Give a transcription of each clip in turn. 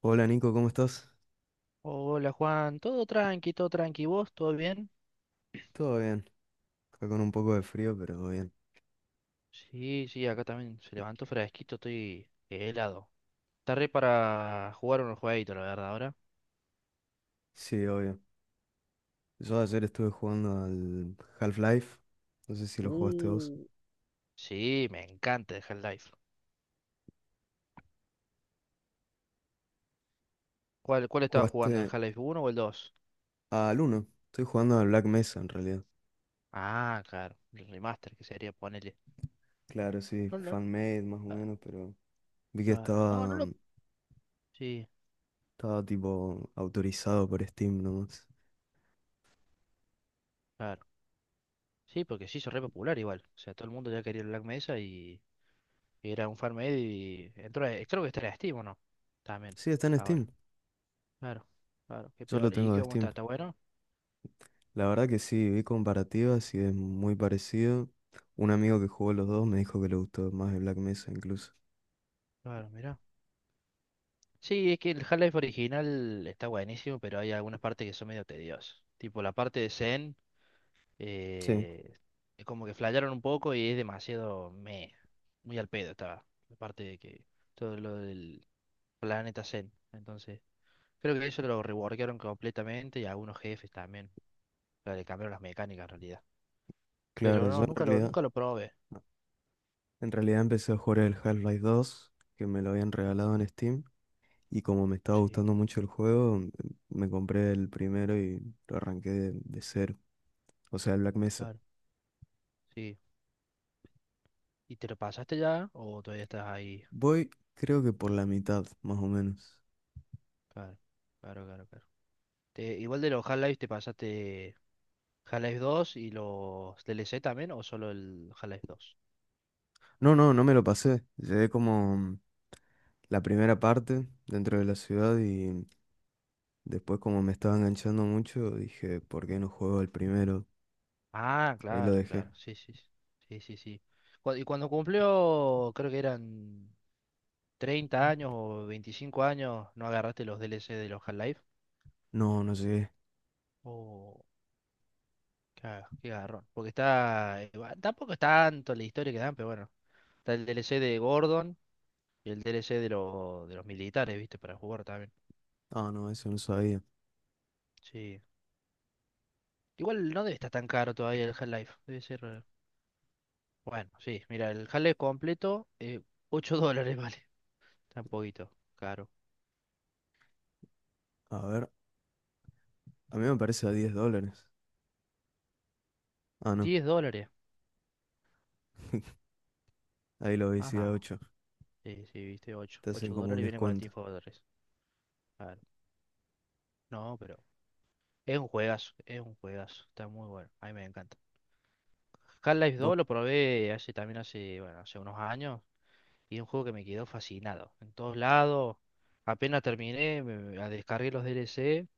Hola Nico, ¿cómo estás? Hola Juan, todo tranqui, ¿vos? ¿Todo bien? Todo bien, acá con un poco de frío, pero bien. Sí, sí, acá también se levantó fresquito, estoy helado. Está re para jugar unos jueguitos, la verdad, ahora. Sí, obvio. Yo Sí, ayer estuve jugando al Half-Life, no sé si lo jugaste vos. Uh. Sí, me encanta el Half-Life. ¿Cuál estaba jugando, el ¿Jugaste Half-Life uno o el 2? al uno? Estoy jugando al Black Mesa en realidad. Ah, claro, el remaster que sería ponerle. Claro, sí, No, no, fan-made más o ah, menos, pero vi que ah, no, no estaba, lo. Sí, estaba tipo autorizado por Steam nomás. claro. Sí, porque se hizo re popular igual. O sea, todo el mundo ya quería el Black Mesa y era un fan made y entró, creo que está en Steam, ¿o no? También, Sí, está en ahora. Steam, Claro, claro, qué yo lo piola. ¿Y tengo qué de cómo está? Steam. ¿Está bueno? La verdad que sí, vi comparativas y es muy parecido. Un amigo que jugó los dos me dijo que le gustó más el Black Mesa incluso. Claro, mira. Sí, es que el Half-Life original está buenísimo, pero hay algunas partes que son medio tediosas. Tipo la parte de Zen, Sí. eh, es como que flayaron un poco y es demasiado meh, muy al pedo estaba. La parte de que todo lo del planeta Zen. Entonces, creo que eso lo reworkaron completamente y algunos jefes también. O sea, le cambiaron las mecánicas en realidad. Pero Claro, yo no, en nunca lo, realidad, nunca lo probé. en realidad empecé a jugar el Half-Life 2 que me lo habían regalado en Steam, y como me estaba Sí, gustando mucho el juego, me compré el primero y lo arranqué de cero, o sea, el Black Mesa. claro. Sí. ¿Y te lo pasaste ya? ¿O todavía estás ahí? Voy, creo que por la mitad, más o menos. Claro, claro, claro, claro. Igual de los Half-Life te pasaste Half-Life dos y los DLC también, ¿o solo el Half-Life dos? No, no, no me lo pasé. Llegué como la primera parte dentro de la ciudad y después como me estaba enganchando mucho, dije, ¿por qué no juego el primero? Ah, Ahí lo claro, dejé. claro. Sí, sí, sí. Sí, sí, sí. Y cuando cumplió, creo que eran 30 años o 25 años, ¿no agarraste los DLC de los Half-Life? No, no llegué. Oh, qué garrón. Porque está. Tampoco es tanto la historia que dan, pero bueno. Está el DLC de Gordon y el DLC de, de los militares, ¿viste? Para jugar también. Ah, no, eso no sabía. Sí. Igual no debe estar tan caro todavía el Half-Life. Debe ser. Bueno, sí. Mira, el Half-Life completo, 8 dólares vale. Está un poquito caro. A ver, a mí me parece a 10 dólares. Ah, no. Diez dólares. Ahí lo veis a Ajá. 8. Sí, sí, viste, 8 Te hacen 8 como dólares un y viene con el Team descuento. Fortress. Claro. No, pero. Es un juegazo. Es un juegazo. Está muy bueno. A mí me encanta. Half-Life Vos, 2 lo probé hace también hace, bueno, hace unos años. Y es un juego que me quedó fascinado. En todos lados. Apenas terminé, me descargué los DLC.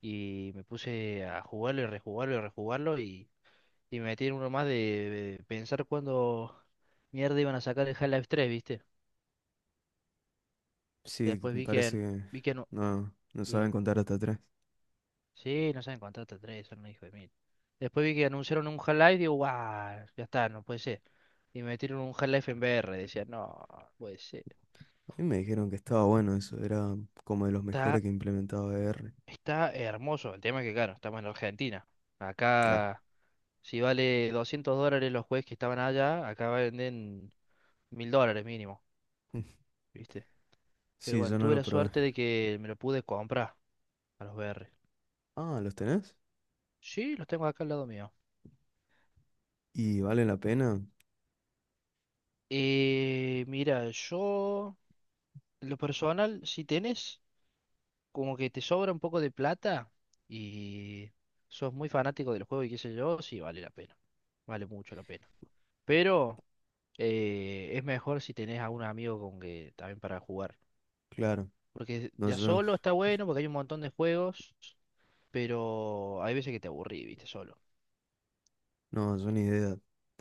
Y me puse a jugarlo y rejugarlo y rejugarlo y me metí en uno más de pensar cuándo mierda iban a sacar el Half-Life 3, ¿viste? sí, Después me vi parece que, que vi que no, no, no y- saben contar hasta 3. sí, no saben contar hasta 3, son un hijo de mil. Después vi que anunciaron un Half-Life y digo, guau, ya está, no puede ser. Y me metieron un Half-Life en VR, decía, no, no puede ser. A mí me dijeron que estaba bueno eso. Era como de los mejores Está, que implementaba R. está hermoso, el tema es que claro, estamos en Argentina. Claro. Acá, si vale $200 los juegos que estaban allá, acá venden $1000 mínimo. ¿Viste? Pero Sí, bueno, yo no tuve lo la probé. suerte de que me lo pude comprar a los VR. Ah, ¿los tenés? Sí, los tengo acá al lado mío. ¿Y vale la pena? Mira, yo, en lo personal, si tenés como que te sobra un poco de plata y sos muy fanático del juego y qué sé yo, sí, vale la pena. Vale mucho la pena. Pero es mejor si tenés a un amigo con que también para jugar. Claro. Porque No, ya yo, solo está bueno, porque hay un montón de juegos, pero hay veces que te aburrís, viste, solo. no, yo ni idea.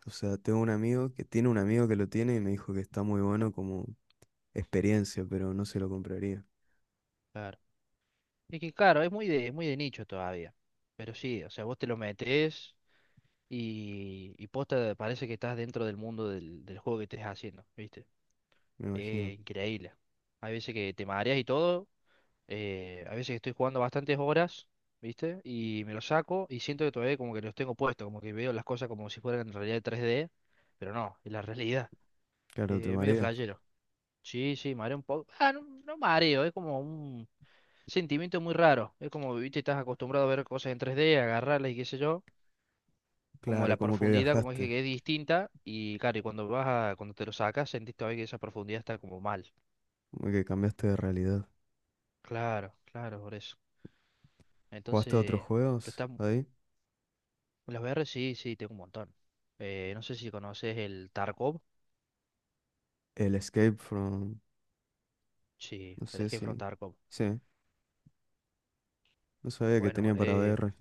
O sea, tengo un amigo que tiene un amigo que lo tiene y me dijo que está muy bueno como experiencia, pero no se lo compraría. Claro. Es que claro, es muy de nicho todavía. Pero sí, o sea, vos te lo metes y posta parece que estás dentro del mundo del juego que estés haciendo, ¿viste? Me imagino. Es increíble. Hay veces que te mareas y todo. Hay veces que estoy jugando bastantes horas, ¿viste? Y me lo saco y siento que todavía como que los tengo puestos, como que veo las cosas como si fueran en realidad 3D, pero no, es la realidad. Claro, te Medio marea. flashero. Sí, sí, mareo un poco. Ah, no, no mareo, es como un sentimiento muy raro. Es como, viste, estás acostumbrado a ver cosas en 3D, agarrarlas y qué sé yo. Como Claro, la como que profundidad, como dije, viajaste. que es distinta. Y claro, y cuando cuando te lo sacas, sentís todavía que esa profundidad está como mal. Como que cambiaste de realidad. Claro, claro, por eso. ¿Jugaste a otros Entonces, pero juegos está, ahí? las VR sí, sí, tengo un montón. No sé si conoces el Tarkov. El Escape from... Sí, No el sé Escape si... from Tarkov. Sí, no sabía que Bueno, tenía para VR.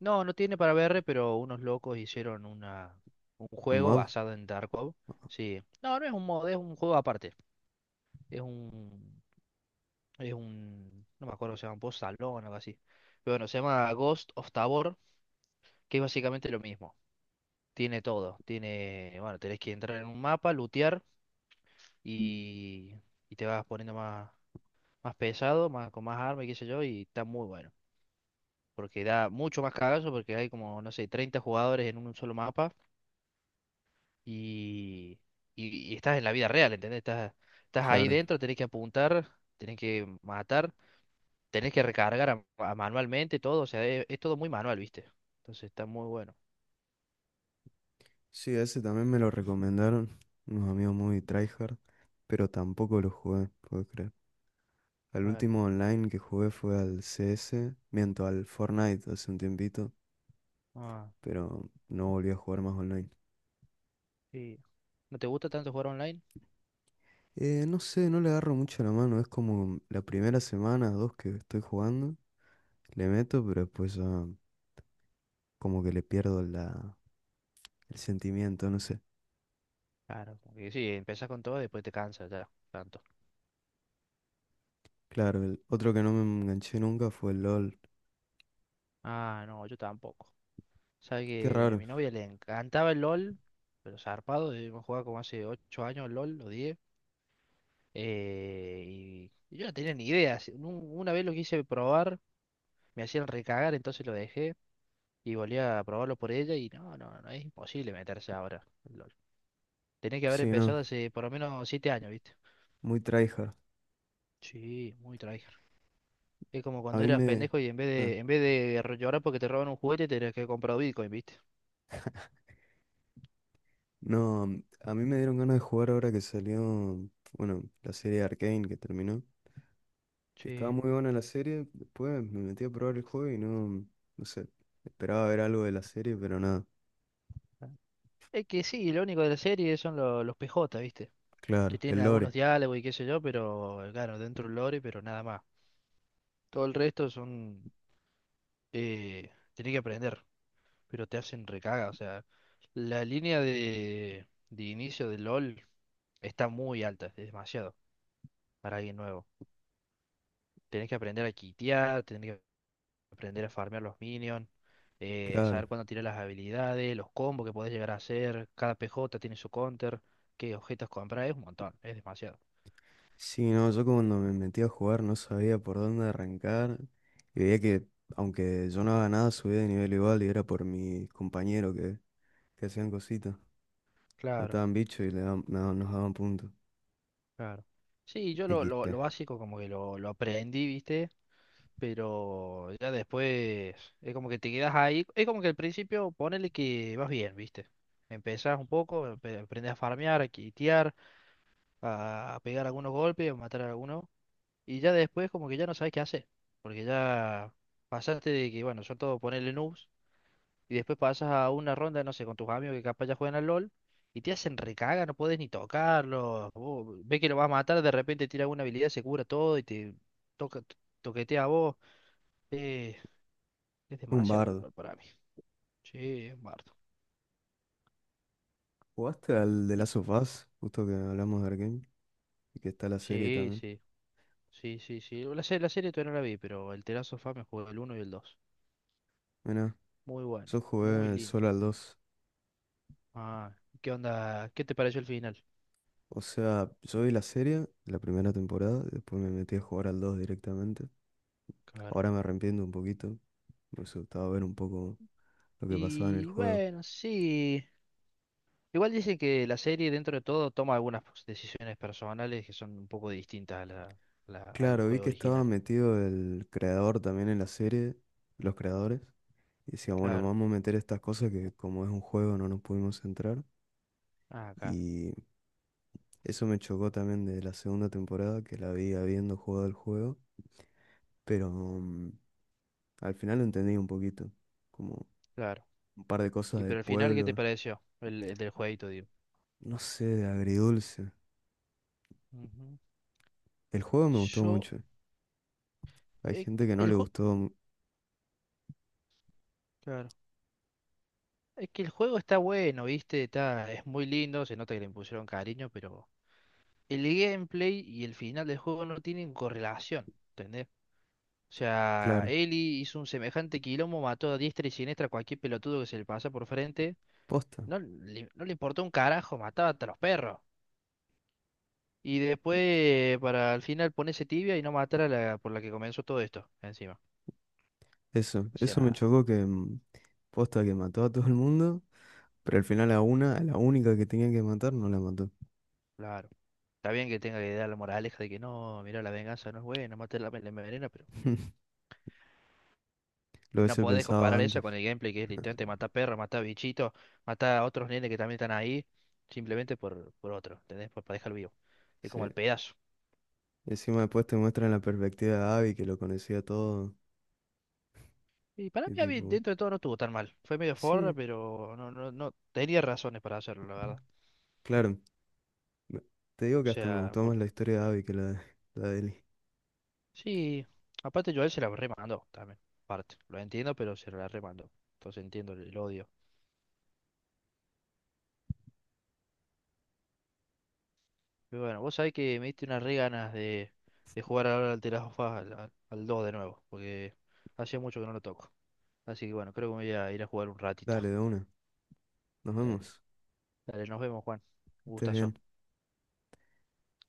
no, no tiene para VR, pero unos locos hicieron un ¿Un juego mod? basado en Tarkov. Sí. No, no es un mod, es un juego aparte. Es un, Es un, no me acuerdo cómo se llama, un post salón o algo así. Pero bueno, se llama Ghost of Tabor, que es básicamente lo mismo. Tiene todo. Tiene, bueno, tenés que entrar en un mapa, lootear y, y te vas poniendo más, más pesado, más, con más armas y qué sé yo, y está muy bueno. Porque da mucho más cagazo porque hay como, no sé, 30 jugadores en un solo mapa y, y estás en la vida real, ¿entendés? Estás ahí Claro. dentro, tenés que apuntar, tenés que matar, tienes que recargar a manualmente todo, o sea, es todo muy manual, ¿viste? Entonces está muy bueno. Sí, ese también me lo recomendaron unos amigos muy tryhard, pero tampoco lo jugué, puedo creer. El Claro. último online que jugué fue al CS, miento, al Fortnite hace un tiempito, Ah, pero no volví a jugar más online. sí. ¿No te gusta tanto jugar online? No sé, no le agarro mucho la mano, es como la primera semana, dos que estoy jugando, le meto, pero después ya como que le pierdo la, el sentimiento, no sé. Claro, como que sí, empezás con todo y después te cansas ya, tanto. Claro, el otro que no me enganché nunca fue el LOL. Ah, no, yo tampoco. Sabes Qué que a raro. mi novia le encantaba el LOL, pero zarpado, hemos jugado como hace 8 años el LOL o diez. Y yo no tenía ni idea. Una vez lo quise probar, me hacían recagar, entonces lo dejé y volví a probarlo por ella y no, no, no, es imposible meterse ahora. Tenés que haber Sí, empezado no, hace por lo menos 7 años, ¿viste? muy tryhard. Sí, muy tryhard. Es como A cuando mí eras me... pendejo y en vez ah, de, en vez de ro- llorar porque te roban un juguete, tenías que comprar Bitcoin, ¿viste? no, mm, A mí me dieron ganas de jugar ahora que salió, bueno, la serie Arcane que terminó. Que estaba Sí. muy buena la serie, después me metí a probar el juego y no, no sé. Esperaba ver algo de la serie, pero nada. Es que sí, lo único de la serie son los PJ, ¿viste? Que Claro, el tienen algunos lore, diálogos y qué sé yo, pero claro, dentro del lore, pero nada más. Todo el resto son. Tenés que aprender, pero te hacen recaga. O sea, la línea de inicio de LOL está muy alta, es demasiado para alguien nuevo. Tenés que aprender a kitear, tenés que aprender a farmear los minions, claro. saber cuándo tirar las habilidades, los combos que podés llegar a hacer, cada PJ tiene su counter, qué objetos comprar, es un montón, es demasiado. Sí, no, yo cuando me metí a jugar no sabía por dónde arrancar y veía que aunque yo no haga nada subía de nivel igual y era por mis compañeros que hacían cositas, Claro, mataban bichos y le daban- me nos daban puntos. claro. Sí, yo lo, lo, XP. lo básico como que lo aprendí, ¿viste? Pero ya después es como que te quedas ahí, es como que al principio ponele que vas bien, ¿viste? Empezás un poco, aprendés a farmear, a kitear, a pegar algunos golpes, a matar a algunos, y ya después como que ya no sabes qué hacer, porque ya pasaste de que, bueno, son todos ponerle noobs, y después pasas a una ronda, no sé, con tus amigos que capaz ya juegan al LOL, y te hacen recaga, no puedes ni tocarlo, vos ves que lo vas a matar, de repente tira una habilidad, se cura todo y te toca, toquetea a vos. Eh, es Un demasiado el bardo. LOL para mí. Sí, es Bardo. ¿Jugaste al de Y- Last of Us? Justo que hablamos de Arkane y que está la serie sí, también. sí, sí, sí, sí. La serie todavía no la vi, pero el Terazo of Us me jugó el uno y el dos. Mira, Muy bueno, yo muy jugué lindo. solo al 2. Ah, ¿qué onda? ¿Qué te pareció el final? O sea, yo vi la serie, la primera temporada, y después me metí a jugar al 2 directamente. Claro. Ahora me arrepiento un poquito, me hubiese gustado ver un poco lo que pasaba en el Y juego. bueno, sí. Igual dicen que la serie dentro de todo toma algunas pues, decisiones personales que son un poco distintas a al Claro, vi juego que estaba original. metido el creador también en la serie, los creadores, y decían, bueno, Claro. vamos a meter estas cosas que como es un juego no nos pudimos centrar. Ah, claro, Y eso me chocó también de la segunda temporada, que la vi habiendo jugado el juego, pero al final lo entendí un poquito, como claro. un par de cosas Y del pero al final, ¿qué te pueblo, pareció? El del jueguito, digo. no sé, de agridulce. Ujú. El juego me gustó Yo, mucho, hay eh, gente que no el le juego, gustó, claro. Es que el juego está bueno, ¿viste? Está, es muy lindo, se nota que le impusieron cariño, pero el gameplay y el final del juego no tienen correlación. ¿Entendés? O sea, claro, Eli hizo un semejante quilombo, mató a diestra y siniestra a cualquier pelotudo que se le pasa por frente. posta. No le importó un carajo, mataba hasta los perros. Y después, para al final ponerse tibia y no matar a la por la que comenzó todo esto, encima. Eso, O eso me sea, chocó que posta que mató a todo el mundo. Pero al final a una, a la única que tenía que matar, no la mató. claro. Está bien que tenga que dar la moraleja de que no, mira, la venganza no es buena, matar la envenena, pero Lo no hubiese podés pensado comparar eso antes. con el gameplay que es literalmente matar perros, matar bichitos, matar a otros nenes que también están ahí, simplemente por otro, ¿entendés? Para dejarlo vivo. Es como Sí. el pedazo. Encima después te muestran la perspectiva de Abby, que lo conocía todo. Y para Y mí, a mí, tipo, dentro de todo no estuvo tan mal. Fue medio forra, sí, pero no, no, no tenía razones para hacerlo, la verdad. claro. me- Te digo O que hasta me sea, gustó más la historia de Abby que la de Ellie. sí, aparte Joel se la remandó también. Parte, lo entiendo, pero se la remandó. Entonces entiendo el odio. Pero bueno, vos sabés que me diste unas re ganas de jugar ahora al The Last of Us al 2 de nuevo, porque hacía mucho que no lo toco. Así que bueno, creo que me voy a ir a jugar un ratito. Dale, de una. Nos Dale, vemos. dale, nos vemos, Juan. Que Un estés gustazo. bien.